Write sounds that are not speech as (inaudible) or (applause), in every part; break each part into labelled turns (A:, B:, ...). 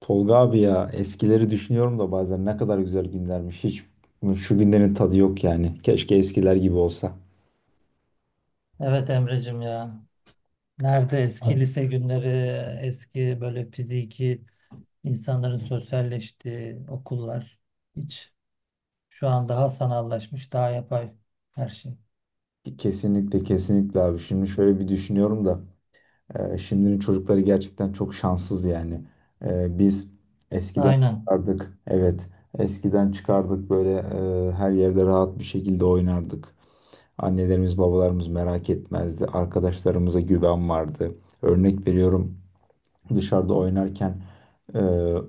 A: Tolga abi ya, eskileri düşünüyorum da bazen ne kadar güzel günlermiş. Hiç şu günlerin tadı yok yani. Keşke eskiler gibi olsa.
B: Evet Emre'cim ya. Nerede eski Abi, lise günleri, eski böyle fiziki insanların sosyalleştiği okullar. Hiç şu an daha sanallaşmış, daha yapay her şey.
A: Kesinlikle kesinlikle abi. Şimdi şöyle bir düşünüyorum da şimdinin çocukları gerçekten çok şanssız yani. Biz eskiden
B: Aynen.
A: çıkardık. Evet, eskiden çıkardık böyle, her yerde rahat bir şekilde oynardık. Annelerimiz babalarımız merak etmezdi. Arkadaşlarımıza güven vardı. Örnek veriyorum, dışarıda oynarken e,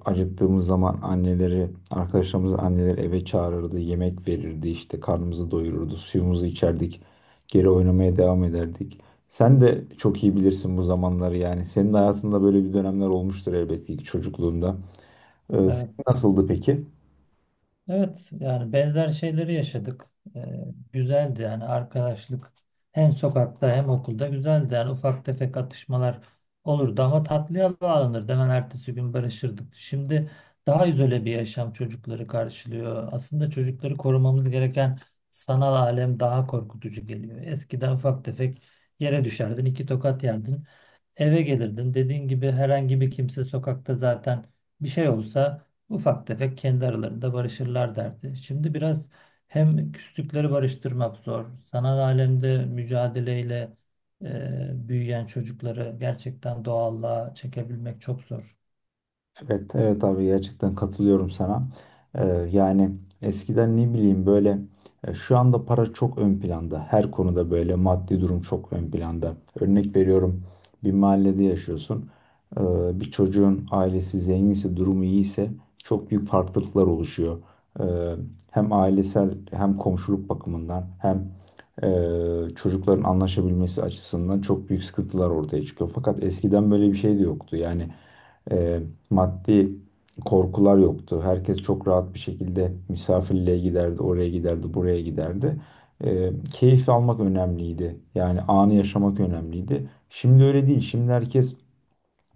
A: acıktığımız zaman anneleri, arkadaşlarımız anneleri eve çağırırdı, yemek verirdi, işte karnımızı doyururdu, suyumuzu içerdik, geri oynamaya devam ederdik. Sen de çok iyi bilirsin bu zamanları yani. Senin hayatında böyle bir dönemler olmuştur elbette ki çocukluğunda.
B: Evet.
A: Senin nasıldı peki?
B: Evet yani benzer şeyleri yaşadık. Ee, Güzeldi yani arkadaşlık hem sokakta hem okulda güzeldi. Yani ufak tefek atışmalar olurdu ama tatlıya bağlanırdı. Hemen ertesi gün barışırdık. Şimdi daha izole bir yaşam çocukları karşılıyor. Aslında çocukları korumamız gereken sanal alem daha korkutucu geliyor. Eskiden ufak tefek yere düşerdin, iki tokat yerdin, eve gelirdin. Dediğin gibi herhangi bir kimse sokakta zaten bir şey olsa ufak tefek kendi aralarında barışırlar derdi. Şimdi biraz hem küslükleri barıştırmak zor. Sanal alemde mücadeleyle büyüyen çocukları gerçekten doğallığa çekebilmek çok zor.
A: Evet, evet abi, gerçekten katılıyorum sana. Yani eskiden ne bileyim böyle, şu anda para çok ön planda. Her konuda böyle maddi durum çok ön planda. Örnek veriyorum, bir mahallede yaşıyorsun. Ee, Bir çocuğun ailesi zenginse, durumu iyiyse çok büyük farklılıklar oluşuyor. Ee, Hem ailesel hem komşuluk bakımından hem e, çocukların anlaşabilmesi açısından çok büyük sıkıntılar ortaya çıkıyor. Fakat eskiden böyle bir şey de yoktu. Yani e, maddi korkular yoktu. Herkes çok rahat bir şekilde misafirliğe giderdi, oraya giderdi, buraya giderdi. Keyif almak önemliydi. Yani anı yaşamak önemliydi. Şimdi öyle değil. Şimdi herkes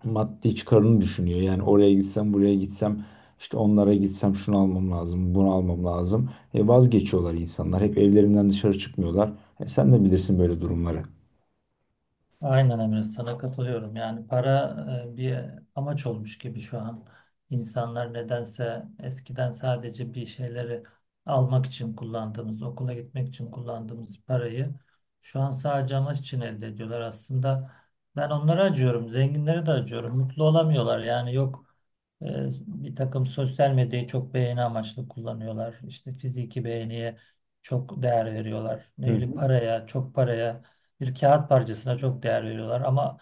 A: maddi çıkarını düşünüyor. Yani oraya gitsem, buraya gitsem, işte onlara gitsem şunu almam lazım, bunu almam lazım. Vazgeçiyorlar insanlar. Hep evlerinden dışarı çıkmıyorlar. Sen de bilirsin böyle durumları.
B: Aynen Emre sana katılıyorum. Yani para bir amaç olmuş gibi şu an. İnsanlar nedense eskiden sadece bir şeyleri almak için kullandığımız, okula gitmek için kullandığımız parayı şu an sadece amaç için elde ediyorlar. Aslında ben onlara acıyorum, zenginlere de acıyorum. Mutlu olamıyorlar. Yani yok e, bir takım sosyal medyayı çok beğeni amaçlı kullanıyorlar. İşte fiziki beğeniye çok değer veriyorlar. Ne
A: Hı.
B: bileyim paraya, çok paraya bir kağıt parçasına çok değer veriyorlar ama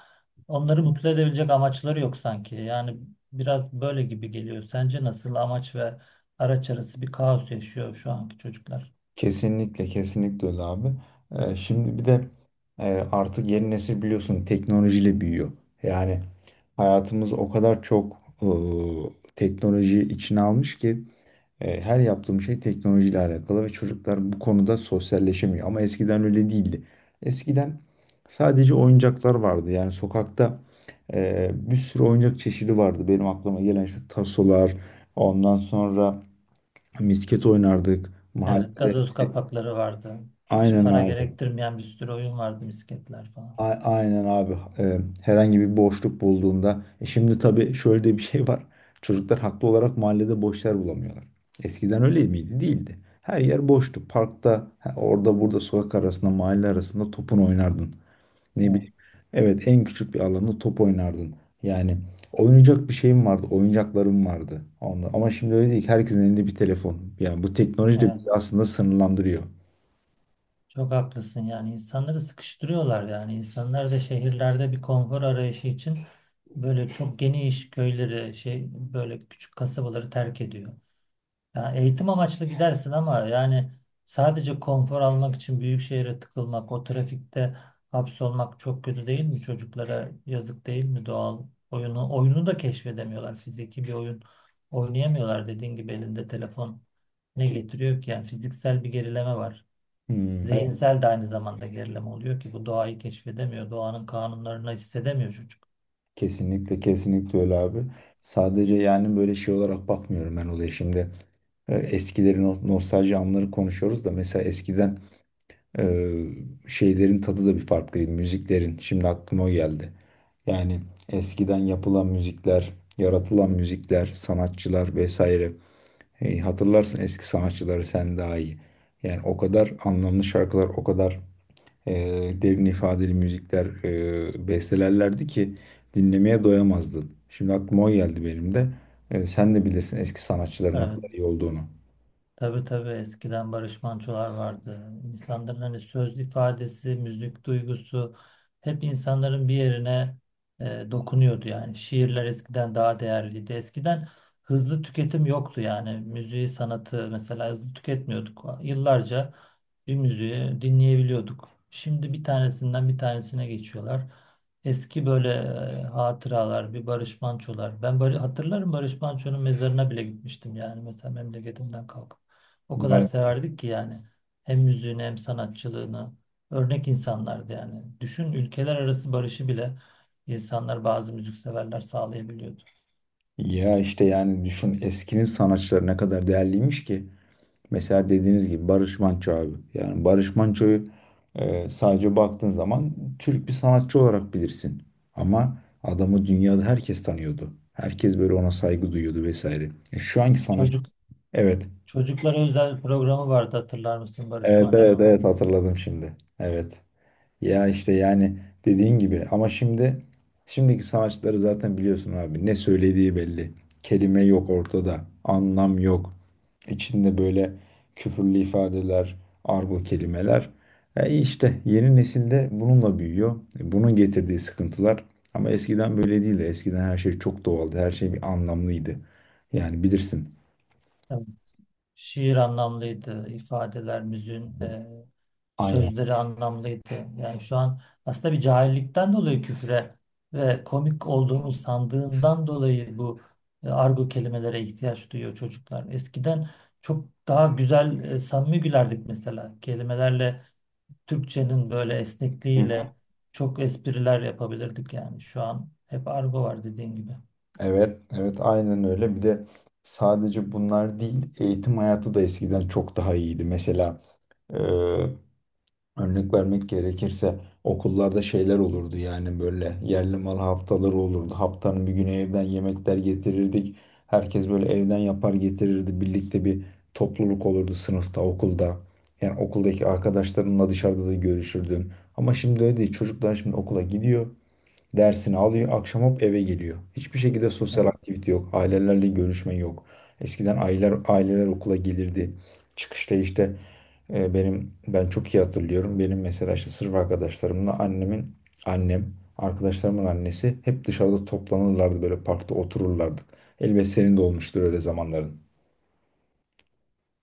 B: onları mutlu edebilecek amaçları yok sanki. Yani biraz böyle gibi geliyor. Sence nasıl amaç ve araç arası bir kaos yaşıyor şu anki çocuklar?
A: Kesinlikle kesinlikle öyle abi. Şimdi bir de e, artık yeni nesil biliyorsun teknolojiyle büyüyor. Yani hayatımız o kadar çok teknoloji içine almış ki her yaptığım şey teknolojiyle alakalı ve çocuklar bu konuda sosyalleşemiyor. Ama eskiden öyle değildi. Eskiden sadece oyuncaklar vardı. Yani sokakta bir sürü oyuncak çeşidi vardı. Benim aklıma gelen işte tasolar, ondan sonra misket oynardık.
B: Evet,
A: Mahallede.
B: gazoz kapakları vardı. Hiç
A: Aynen
B: para
A: abi.
B: gerektirmeyen bir sürü oyun vardı, misketler falan.
A: Aynen abi. Herhangi bir boşluk bulduğunda. E şimdi tabii şöyle de bir şey var. Çocuklar haklı olarak mahallede boş yer bulamıyorlar. Eskiden öyle miydi? Değildi. Her yer boştu. Parkta, ha, orada burada sokak arasında, mahalle arasında topun oynardın. Ne
B: Evet,
A: bileyim. Evet, en küçük bir alanda top oynardın. Yani oynayacak bir şeyim vardı, oyuncaklarım vardı. Onunla. Ama şimdi öyle değil ki, herkesin elinde bir telefon. Yani bu teknoloji de bizi
B: evet.
A: aslında sınırlandırıyor.
B: Çok haklısın yani insanları sıkıştırıyorlar yani insanlar da şehirlerde bir konfor arayışı için böyle çok geniş köyleri şey böyle küçük kasabaları terk ediyor. Yani eğitim amaçlı gidersin ama yani sadece konfor almak için büyük şehre tıkılmak, o trafikte hapsolmak çok kötü değil mi? Çocuklara yazık değil mi doğal oyunu? Oyunu da keşfedemiyorlar. Fiziki bir oyun oynayamıyorlar dediğin gibi elinde telefon ne
A: Ki-
B: getiriyor ki? Yani fiziksel bir gerileme var.
A: Hmm.
B: Zihinsel de aynı zamanda gerileme oluyor ki bu doğayı keşfedemiyor. Doğanın kanunlarını hissedemiyor çocuk.
A: Kesinlikle kesinlikle öyle abi. Sadece yani böyle şey olarak bakmıyorum ben olaya şimdi. E, eskilerin nostalji anları konuşuyoruz da mesela eskiden e, şeylerin tadı da bir farklıydı, müziklerin. Şimdi aklıma o geldi. Yani eskiden yapılan müzikler, yaratılan müzikler, sanatçılar vesaire. Hey, hatırlarsın eski sanatçıları sen daha iyi. Yani o kadar anlamlı şarkılar, o kadar derin ifadeli müzikler bestelerlerdi ki dinlemeye doyamazdın. Şimdi aklıma o geldi benim de. Sen de bilirsin eski sanatçıların ne kadar
B: Evet.
A: iyi olduğunu.
B: Tabii tabii eskiden Barış Manço'lar vardı. İnsanların hani söz ifadesi, müzik duygusu hep insanların bir yerine dokunuyordu yani. Şiirler eskiden daha değerliydi. Eskiden hızlı tüketim yoktu yani. Müziği, sanatı mesela hızlı tüketmiyorduk. Yıllarca bir müziği dinleyebiliyorduk. Şimdi bir tanesinden bir tanesine geçiyorlar. Eski böyle hatıralar, bir Barış Manço'lar. Hatırlarım Barış Manço'nun mezarına bile gitmiştim yani mesela memleketimden kalkıp. O kadar
A: Vay.
B: severdik ki yani. Hem müziğini hem sanatçılığını. Örnek insanlardı yani. Düşün ülkeler arası barışı bile insanlar bazı müzikseverler sağlayabiliyordu.
A: Ya işte yani düşün, eskinin sanatçıları ne kadar değerliymiş ki. Mesela dediğiniz gibi Barış Manço abi. Yani Barış Manço'yu sadece baktığın zaman Türk bir sanatçı olarak bilirsin. Ama adamı dünyada herkes tanıyordu. Herkes böyle ona saygı duyuyordu vesaire. E, şu anki sanatçı.
B: Çocuk
A: Evet.
B: Çocuklara özel programı vardı hatırlar mısın Barış
A: Evet, evet,
B: Manço'nun?
A: evet, hatırladım şimdi. Evet. Ya işte yani dediğin gibi ama şimdi şimdiki sanatçıları zaten biliyorsun abi, ne söylediği belli. Kelime yok ortada. Anlam yok. İçinde böyle küfürlü ifadeler, argo kelimeler. E işte yeni nesilde bununla büyüyor. E bunun getirdiği sıkıntılar. Ama eskiden böyle değildi. Eskiden her şey çok doğaldı. Her şey bir anlamlıydı. Yani bilirsin.
B: Şiir anlamlıydı, ifadeler, müziğin
A: Aynen.
B: sözleri anlamlıydı. Yani şu an aslında bir cahillikten dolayı küfre ve komik olduğunu sandığından dolayı bu argo kelimelere ihtiyaç duyuyor çocuklar. Eskiden çok daha güzel, samimi gülerdik mesela. Kelimelerle, Türkçenin böyle esnekliğiyle çok espriler yapabilirdik yani. Şu an hep argo var dediğin gibi.
A: Evet, evet, aynen öyle. Bir de sadece bunlar değil, eğitim hayatı da eskiden çok daha iyiydi. Mesela e, örnek vermek gerekirse, okullarda şeyler olurdu yani, böyle yerli mal haftaları olurdu. Haftanın bir günü evden yemekler getirirdik. Herkes böyle evden yapar getirirdi. Birlikte bir topluluk olurdu sınıfta, okulda. Yani okuldaki arkadaşlarınla dışarıda da görüşürdün. Ama şimdi öyle değil. Çocuklar şimdi okula gidiyor. Dersini alıyor, akşam hop eve geliyor. Hiçbir şekilde sosyal
B: Evet.
A: aktivite yok. Ailelerle görüşme yok. Eskiden aileler okula gelirdi. Çıkışta işte ben çok iyi hatırlıyorum. Benim mesela işte sırf arkadaşlarımla annemin annem, arkadaşlarımın annesi hep dışarıda toplanırlardı, böyle parkta otururlardık. Elbet senin de olmuştur öyle zamanların.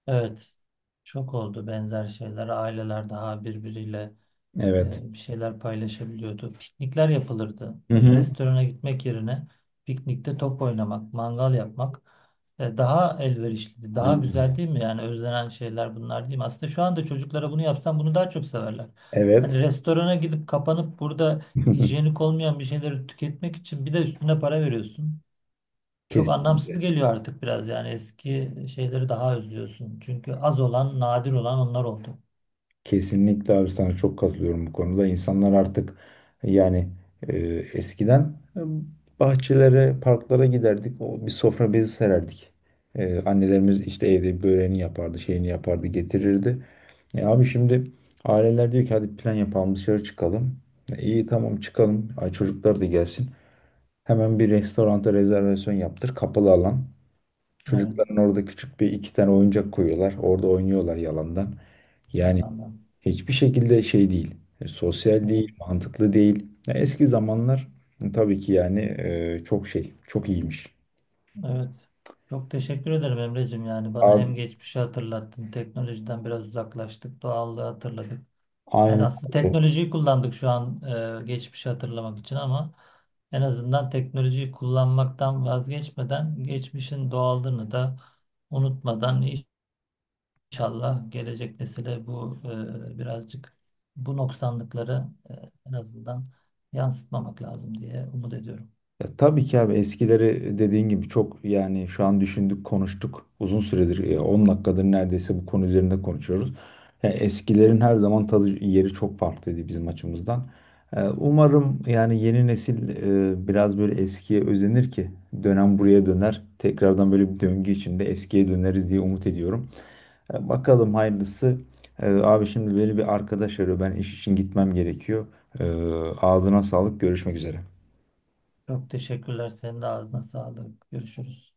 B: Evet. Çok oldu benzer şeyler. Aileler daha birbiriyle
A: Evet.
B: bir şeyler paylaşabiliyordu. Piknikler yapılırdı.
A: Hı
B: Böyle
A: hı.
B: restorana gitmek yerine piknikte top oynamak, mangal yapmak daha elverişliydi. Daha
A: Aynen ya.
B: güzel değil mi? Yani özlenen şeyler bunlar değil mi? Aslında şu anda çocuklara bunu yapsam bunu daha çok severler.
A: Evet.
B: Hani restorana gidip kapanıp burada hijyenik
A: (laughs)
B: olmayan bir şeyleri tüketmek için bir de üstüne para veriyorsun. Çok
A: Kesinlikle.
B: anlamsız geliyor artık biraz yani eski şeyleri daha özlüyorsun. Çünkü az olan, nadir olan onlar oldu.
A: Kesinlikle abi, sana çok katılıyorum bu konuda. İnsanlar artık yani, e, eskiden e, bahçelere, parklara giderdik. O bir sofra bezi sererdik. E, annelerimiz işte evde böreğini yapardı, şeyini yapardı, getirirdi. E, abi şimdi aileler diyor ki hadi plan yapalım, dışarı çıkalım. E, iyi tamam çıkalım. Ay, çocuklar da gelsin. Hemen bir restoranta rezervasyon yaptır. Kapalı alan.
B: Evet,
A: Çocukların orada küçük bir iki tane oyuncak koyuyorlar. Orada oynuyorlar yalandan. Yani
B: yalandan.
A: hiçbir şekilde şey değil. Sosyal
B: Evet.
A: değil, mantıklı değil. Ya eski zamanlar tabii ki yani, çok şey, çok iyiymiş.
B: Evet. Çok teşekkür ederim Emre'cim. Yani bana
A: Abi,
B: hem geçmişi hatırlattın, teknolojiden biraz uzaklaştık, doğallığı hatırladık. Yani
A: aynen.
B: aslında teknolojiyi kullandık şu an geçmişi hatırlamak için ama en azından teknolojiyi kullanmaktan vazgeçmeden geçmişin doğallığını da unutmadan inşallah gelecek nesile bu birazcık bu noksanlıkları, en azından yansıtmamak lazım diye umut ediyorum.
A: Ya tabii ki abi, eskileri dediğin gibi çok, yani şu an düşündük konuştuk uzun süredir, 10 dakikadır neredeyse bu konu üzerinde konuşuyoruz. Ya eskilerin her zaman tadı yeri çok farklıydı bizim açımızdan. E, umarım yani yeni nesil biraz böyle eskiye özenir ki dönem buraya döner. Tekrardan böyle bir döngü içinde eskiye döneriz diye umut ediyorum. E, bakalım hayırlısı. E, abi şimdi beni bir arkadaş arıyor, ben iş için gitmem gerekiyor. E, ağzına sağlık, görüşmek üzere.
B: Çok teşekkürler. Senin de ağzına sağlık. Görüşürüz.